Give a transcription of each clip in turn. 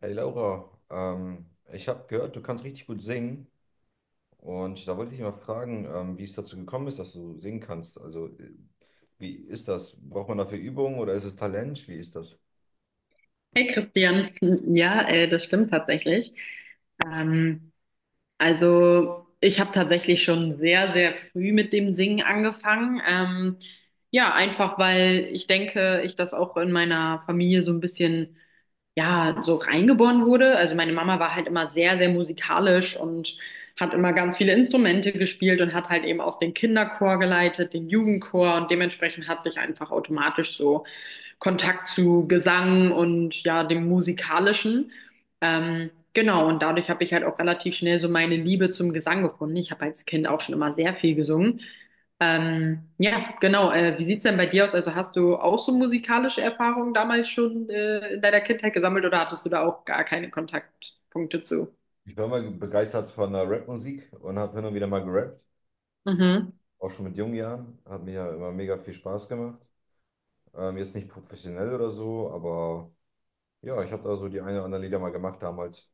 Hey Laura, ich habe gehört, du kannst richtig gut singen und da wollte ich mal fragen, wie es dazu gekommen ist, dass du singen kannst. Also wie ist das? Braucht man dafür Übung oder ist es Talent? Wie ist das? Hey Christian, ja, das stimmt tatsächlich. Ähm, also ich habe tatsächlich schon sehr, sehr früh mit dem Singen angefangen. Ja, einfach weil ich denke, ich das auch in meiner Familie so ein bisschen, ja, so reingeboren wurde. Also meine Mama war halt immer sehr, sehr musikalisch und hat immer ganz viele Instrumente gespielt und hat halt eben auch den Kinderchor geleitet, den Jugendchor, und dementsprechend hatte ich einfach automatisch so Kontakt zu Gesang und ja, dem Musikalischen. Genau, und dadurch habe ich halt auch relativ schnell so meine Liebe zum Gesang gefunden. Ich habe als Kind auch schon immer sehr viel gesungen. Ja, genau. Wie sieht's denn bei dir aus? Also hast du auch so musikalische Erfahrungen damals schon in deiner Kindheit gesammelt, oder hattest du da auch gar keine Kontaktpunkte zu? Ich war mal begeistert von der Rapmusik und habe hin und wieder mal gerappt, Mhm. auch schon mit jungen Jahren. Hat mir ja immer mega viel Spaß gemacht. Jetzt nicht professionell oder so, aber ja, ich habe da so die eine oder andere Lieder mal gemacht damals.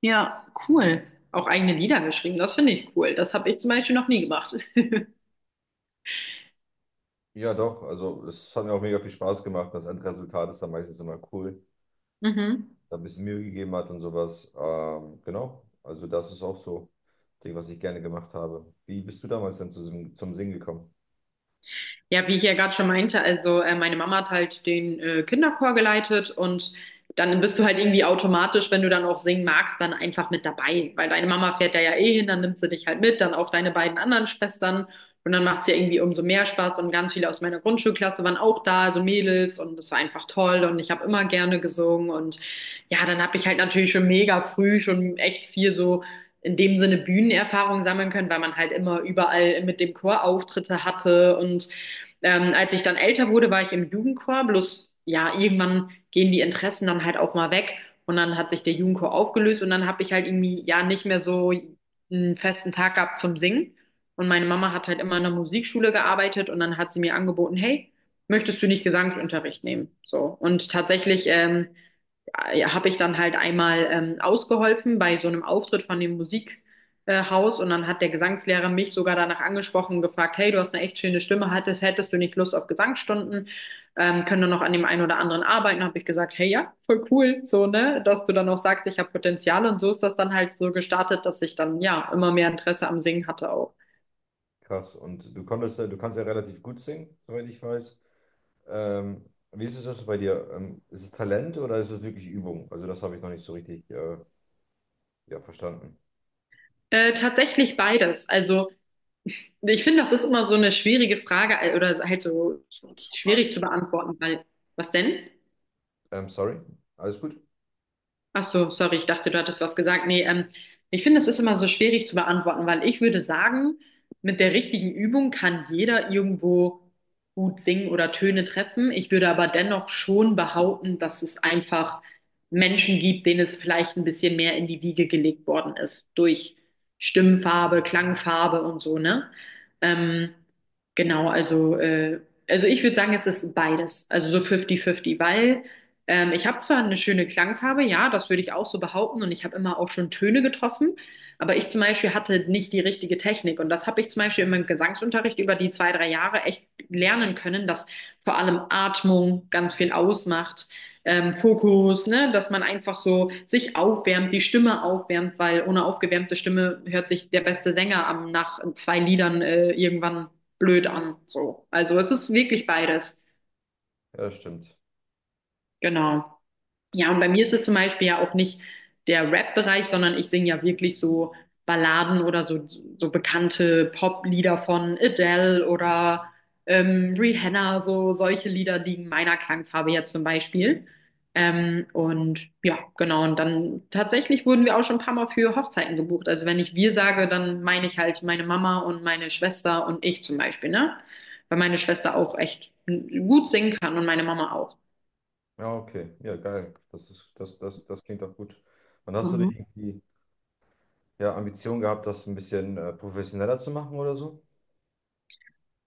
Ja, cool. Auch eigene Lieder geschrieben, das finde ich cool. Das habe ich zum Beispiel noch nie gemacht. Ja, doch, also es hat mir auch mega viel Spaß gemacht. Das Endresultat ist dann meistens immer cool. Mhm. Da ein bisschen Mühe gegeben hat und sowas. Genau, also das ist auch so ein Ding, was ich gerne gemacht habe. Wie bist du damals dann zum Singen gekommen? Ja, wie ich ja gerade schon meinte, also meine Mama hat halt den Kinderchor geleitet, und dann bist du halt irgendwie automatisch, wenn du dann auch singen magst, dann einfach mit dabei, weil deine Mama fährt da ja eh hin, dann nimmt sie dich halt mit, dann auch deine beiden anderen Schwestern, und dann macht's ja irgendwie umso mehr Spaß und ganz viele aus meiner Grundschulklasse waren auch da, also Mädels, und das war einfach toll und ich habe immer gerne gesungen und ja, dann habe ich halt natürlich schon mega früh schon echt viel so in dem Sinne Bühnenerfahrung sammeln können, weil man halt immer überall mit dem Chor Auftritte hatte, und als ich dann älter wurde, war ich im Jugendchor, bloß ja, irgendwann gehen die Interessen dann halt auch mal weg, und dann hat sich der Jugendchor aufgelöst und dann habe ich halt irgendwie ja nicht mehr so einen festen Tag gehabt zum Singen. Und meine Mama hat halt immer in der Musikschule gearbeitet und dann hat sie mir angeboten: hey, möchtest du nicht Gesangsunterricht nehmen? So. Und tatsächlich ja, habe ich dann halt einmal ausgeholfen bei so einem Auftritt von dem Musikhaus Haus. Und dann hat der Gesangslehrer mich sogar danach angesprochen und gefragt: hey, du hast eine echt schöne Stimme, hättest du nicht Lust auf Gesangsstunden? Können wir noch an dem einen oder anderen arbeiten? Habe ich gesagt: hey, ja, voll cool, so, ne, dass du dann auch sagst, ich habe Potenzial, und so ist das dann halt so gestartet, dass ich dann ja immer mehr Interesse am Singen hatte auch. Krass. Und du konntest, ja- du kannst ja relativ gut singen, soweit ich weiß. Ähm, Wie ist es das bei dir? Ist es Talent oder ist es wirklich Übung? Also das habe ich noch nicht so richtig ja, verstanden. Tatsächlich beides. Also ich finde, das ist immer so eine schwierige Frage oder halt so schwierig zu beantworten, weil. Was denn? Sorry, alles gut? Ach so, sorry, ich dachte, du hattest was gesagt. Nee, ich finde, das ist immer so schwierig zu beantworten, weil, ich würde sagen, mit der richtigen Übung kann jeder irgendwo gut singen oder Töne treffen. Ich würde aber dennoch schon behaupten, dass es einfach Menschen gibt, denen es vielleicht ein bisschen mehr in die Wiege gelegt worden ist, durch Stimmfarbe, Klangfarbe und so, ne? Ähm, genau, also ich würde sagen, es ist beides, also so 50-50, weil. Ich habe zwar eine schöne Klangfarbe, ja, das würde ich auch so behaupten, und ich habe immer auch schon Töne getroffen, aber ich zum Beispiel hatte nicht die richtige Technik, und das habe ich zum Beispiel in meinem Gesangsunterricht über die zwei, drei Jahre echt lernen können, dass vor allem Atmung ganz viel ausmacht, Fokus, ne, dass man einfach so sich aufwärmt, die Stimme aufwärmt, weil ohne aufgewärmte Stimme hört sich der beste Sänger am, nach zwei Liedern irgendwann blöd an, so. Also es ist wirklich beides. Ja, das stimmt. Genau. Ja, und bei mir ist es zum Beispiel ja auch nicht der Rap-Bereich, sondern ich singe ja wirklich so Balladen oder so, so bekannte Pop-Lieder von Adele oder Rihanna, so solche Lieder liegen meiner Klangfarbe ja zum Beispiel. Und ja, genau. Und dann tatsächlich wurden wir auch schon ein paar Mal für Hochzeiten gebucht. Also wenn ich wir sage, dann meine ich halt meine Mama und meine Schwester und ich zum Beispiel, ne? Weil meine Schwester auch echt gut singen kann und meine Mama auch. Ja, okay. Ja, geil. Das ist, das klingt auch gut. Und hast du nicht Mhm. irgendwie ja, Ambition gehabt, das ein bisschen professioneller zu machen oder so?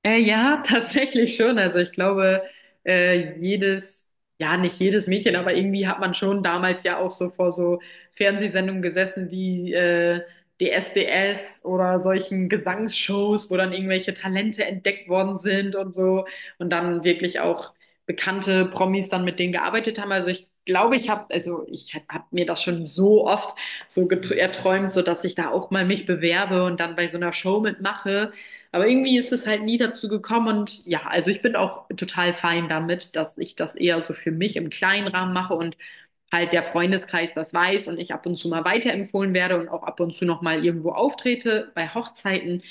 Ja, tatsächlich schon. Also ich glaube, äh, jedes, ja, nicht jedes Mädchen, aber irgendwie hat man schon damals ja auch so vor so Fernsehsendungen gesessen wie DSDS oder solchen Gesangsshows, wo dann irgendwelche Talente entdeckt worden sind, und so, und dann wirklich auch bekannte Promis dann mit denen gearbeitet haben. Also ich glaube, ich habe mir das schon so oft so erträumt, so dass ich da auch mal mich bewerbe und dann bei so einer Show mitmache. Aber irgendwie ist es halt nie dazu gekommen, und ja, also ich bin auch total fein damit, dass ich das eher so für mich im kleinen Rahmen mache und halt der Freundeskreis das weiß und ich ab und zu mal weiterempfohlen werde und auch ab und zu noch mal irgendwo auftrete bei Hochzeiten.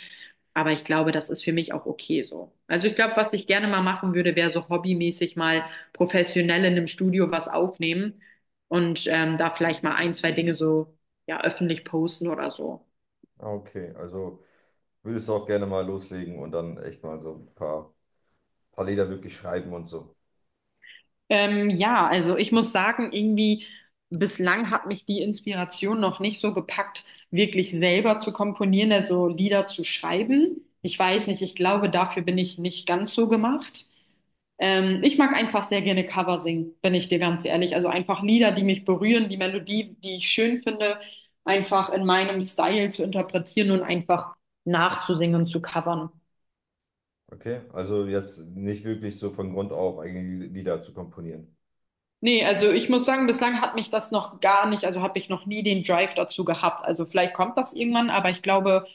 Aber ich glaube, das ist für mich auch okay so. Also ich glaube, was ich gerne mal machen würde, wäre so hobbymäßig mal professionell in einem Studio was aufnehmen und da vielleicht mal ein, zwei Dinge so ja öffentlich posten oder so. Ah, okay, also würdest du auch gerne mal loslegen und dann echt mal so ein paar Lieder wirklich schreiben und so. Ja, also ich muss sagen, irgendwie bislang hat mich die Inspiration noch nicht so gepackt, wirklich selber zu komponieren, also Lieder zu schreiben. Ich weiß nicht, ich glaube, dafür bin ich nicht ganz so gemacht. Ich mag einfach sehr gerne Cover singen, bin ich dir ganz ehrlich. Also einfach Lieder, die mich berühren, die Melodie, die ich schön finde, einfach in meinem Style zu interpretieren und einfach nachzusingen und zu covern. Okay, also jetzt nicht wirklich so von Grund auf eigene Lieder zu komponieren. Nee, also ich muss sagen, bislang hat mich das noch gar nicht, also habe ich noch nie den Drive dazu gehabt. Also vielleicht kommt das irgendwann, aber ich glaube,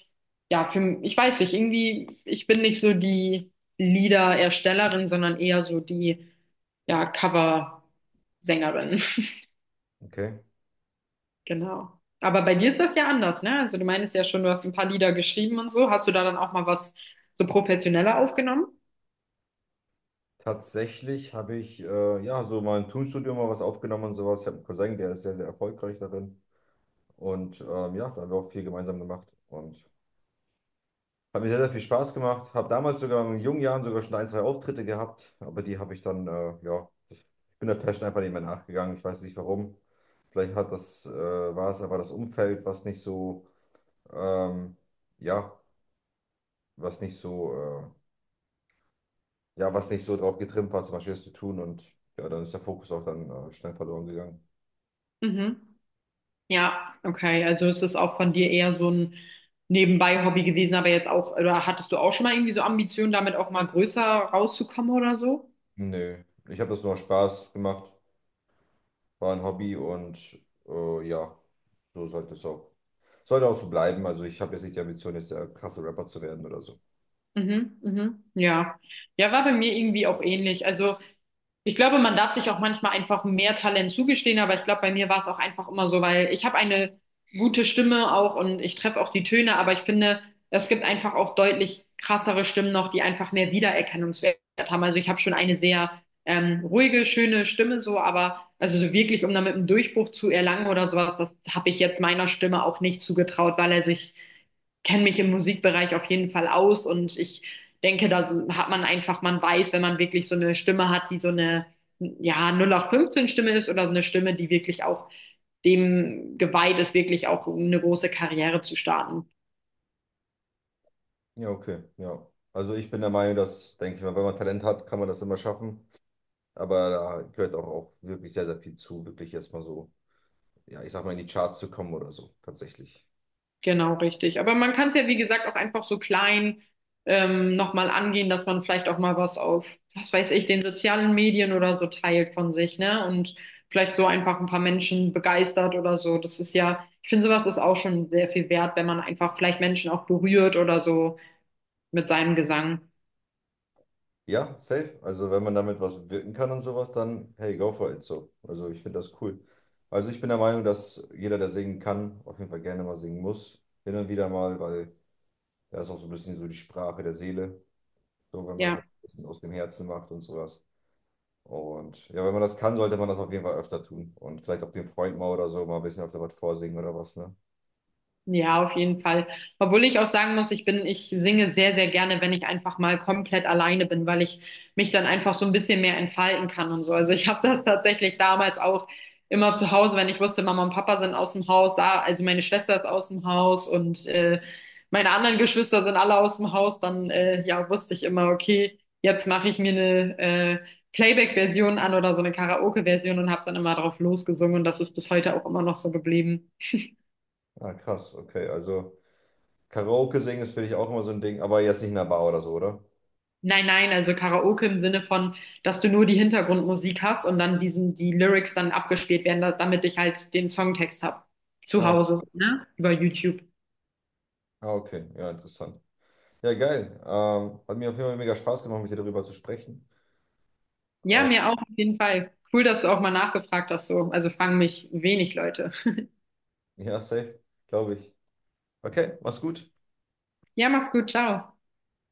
ja, für, ich weiß nicht, irgendwie, ich bin nicht so die Liedererstellerin, sondern eher so die, ja, Cover-Sängerin. Okay. Genau. Aber bei dir ist das ja anders, ne? Also du meinst ja schon, du hast ein paar Lieder geschrieben und so. Hast du da dann auch mal was so professioneller aufgenommen? Tatsächlich habe ich ja so mal im Tonstudio mal was aufgenommen und sowas. Ich habe einen Cousin, der ist sehr, sehr erfolgreich darin. Und ja, da haben wir auch viel gemeinsam gemacht und hat mir sehr, sehr viel Spaß gemacht. Habe damals sogar in jungen Jahren sogar schon ein, zwei Auftritte gehabt, aber die habe ich dann, ja, ich bin der Passion einfach nicht mehr nachgegangen. Ich weiß nicht warum. Vielleicht hat das, war es aber das Umfeld, was nicht so, ähm, ja, was nicht so, ja, was nicht so drauf getrimmt war, zum Beispiel das zu tun und ja, dann ist der Fokus auch dann schnell verloren gegangen. Mhm. Ja, okay. Also ist das auch von dir eher so ein Nebenbei-Hobby gewesen, aber jetzt auch, oder hattest du auch schon mal irgendwie so Ambitionen, damit auch mal größer rauszukommen oder so? Nö, ich habe das nur aus Spaß gemacht, war ein Hobby und ja, so sollte es auch. Sollte auch so bleiben. Also ich habe jetzt nicht die Ambition, jetzt der krasse Rapper zu werden oder so. Mhm, mhm, ja. Ja, war bei mir irgendwie auch ähnlich. Also ich glaube, man darf sich auch manchmal einfach mehr Talent zugestehen, aber ich glaube, bei mir war es auch einfach immer so, weil ich habe eine gute Stimme auch und ich treffe auch die Töne, aber ich finde, es gibt einfach auch deutlich krassere Stimmen noch, die einfach mehr Wiedererkennungswert haben. Also ich habe schon eine sehr ruhige, schöne Stimme so, aber also so wirklich, um damit einen Durchbruch zu erlangen oder sowas, das habe ich jetzt meiner Stimme auch nicht zugetraut, weil, also, ich kenne mich im Musikbereich auf jeden Fall aus, und ich denke, hat man einfach, man weiß, wenn man wirklich so eine Stimme hat, die so eine, ja, null acht fünfzehn Stimme ist oder so eine Stimme, die wirklich auch dem geweiht ist, wirklich auch um eine große Karriere zu starten. Ja, okay, ja. Also ich bin der Meinung, dass, denke ich mal, wenn man Talent hat, kann man das immer schaffen. Aber da gehört auch, auch wirklich sehr, sehr viel zu, wirklich erstmal so ja, ich sag mal, in die Charts zu kommen oder so, tatsächlich. Genau, richtig. Aber man kann es ja, wie gesagt, auch einfach so klein nochmal angehen, dass man vielleicht auch mal was auf, was weiß ich, den sozialen Medien oder so teilt von sich, ne? Und vielleicht so einfach ein paar Menschen begeistert oder so. Das ist ja, ich finde, sowas ist auch schon sehr viel wert, wenn man einfach vielleicht Menschen auch berührt oder so, mit seinem Gesang. Ja, safe. Also wenn man damit was bewirken kann und sowas, dann hey, go for it so. Also ich finde das cool. Also ich bin der Meinung, dass jeder, der singen kann, auf jeden Fall gerne mal singen muss. Hin und wieder mal, weil das ist auch so ein bisschen so die Sprache der Seele. So, wenn man das Ja, ein bisschen aus dem Herzen macht und sowas. Und ja, wenn man das kann, sollte man das auf jeden Fall öfter tun. Und vielleicht auch dem Freund mal oder so mal ein bisschen öfter was vorsingen oder was, ne? ja, auf jeden Fall. Obwohl ich auch sagen muss, ich bin, ich singe sehr, sehr gerne, wenn ich einfach mal komplett alleine bin, weil ich mich dann einfach so ein bisschen mehr entfalten kann und so. Also ich habe das tatsächlich damals auch immer zu Hause, wenn ich wusste, Mama und Papa sind aus dem Haus, da, also meine Schwester ist aus dem Haus und meine anderen Geschwister sind alle aus dem Haus, dann ja, wusste ich immer, okay, jetzt mache ich mir eine Playback-Version an oder so eine Karaoke-Version und habe dann immer drauf losgesungen, und das ist bis heute auch immer noch so geblieben. Ah, krass, okay. Also Karaoke singen ist, finde ich, auch immer so ein Ding, aber jetzt nicht in einer Bar oder so, oder? Nein, nein, also Karaoke im Sinne von, dass du nur die Hintergrundmusik hast und dann die Lyrics dann abgespielt werden, da, damit ich halt den Songtext habe. Zu Ja, Hause, so, ne? Über YouTube. ah, okay, ja, interessant. Ja, geil. Hat mir auf jeden Fall mega Spaß gemacht, mit dir darüber zu sprechen. Ja, Äh, mir auch auf jeden Fall. Cool, dass du auch mal nachgefragt hast, so. Also fragen mich wenig Leute. ja, safe, glaube ich. Okay, mach's gut. Ja, mach's gut, ciao.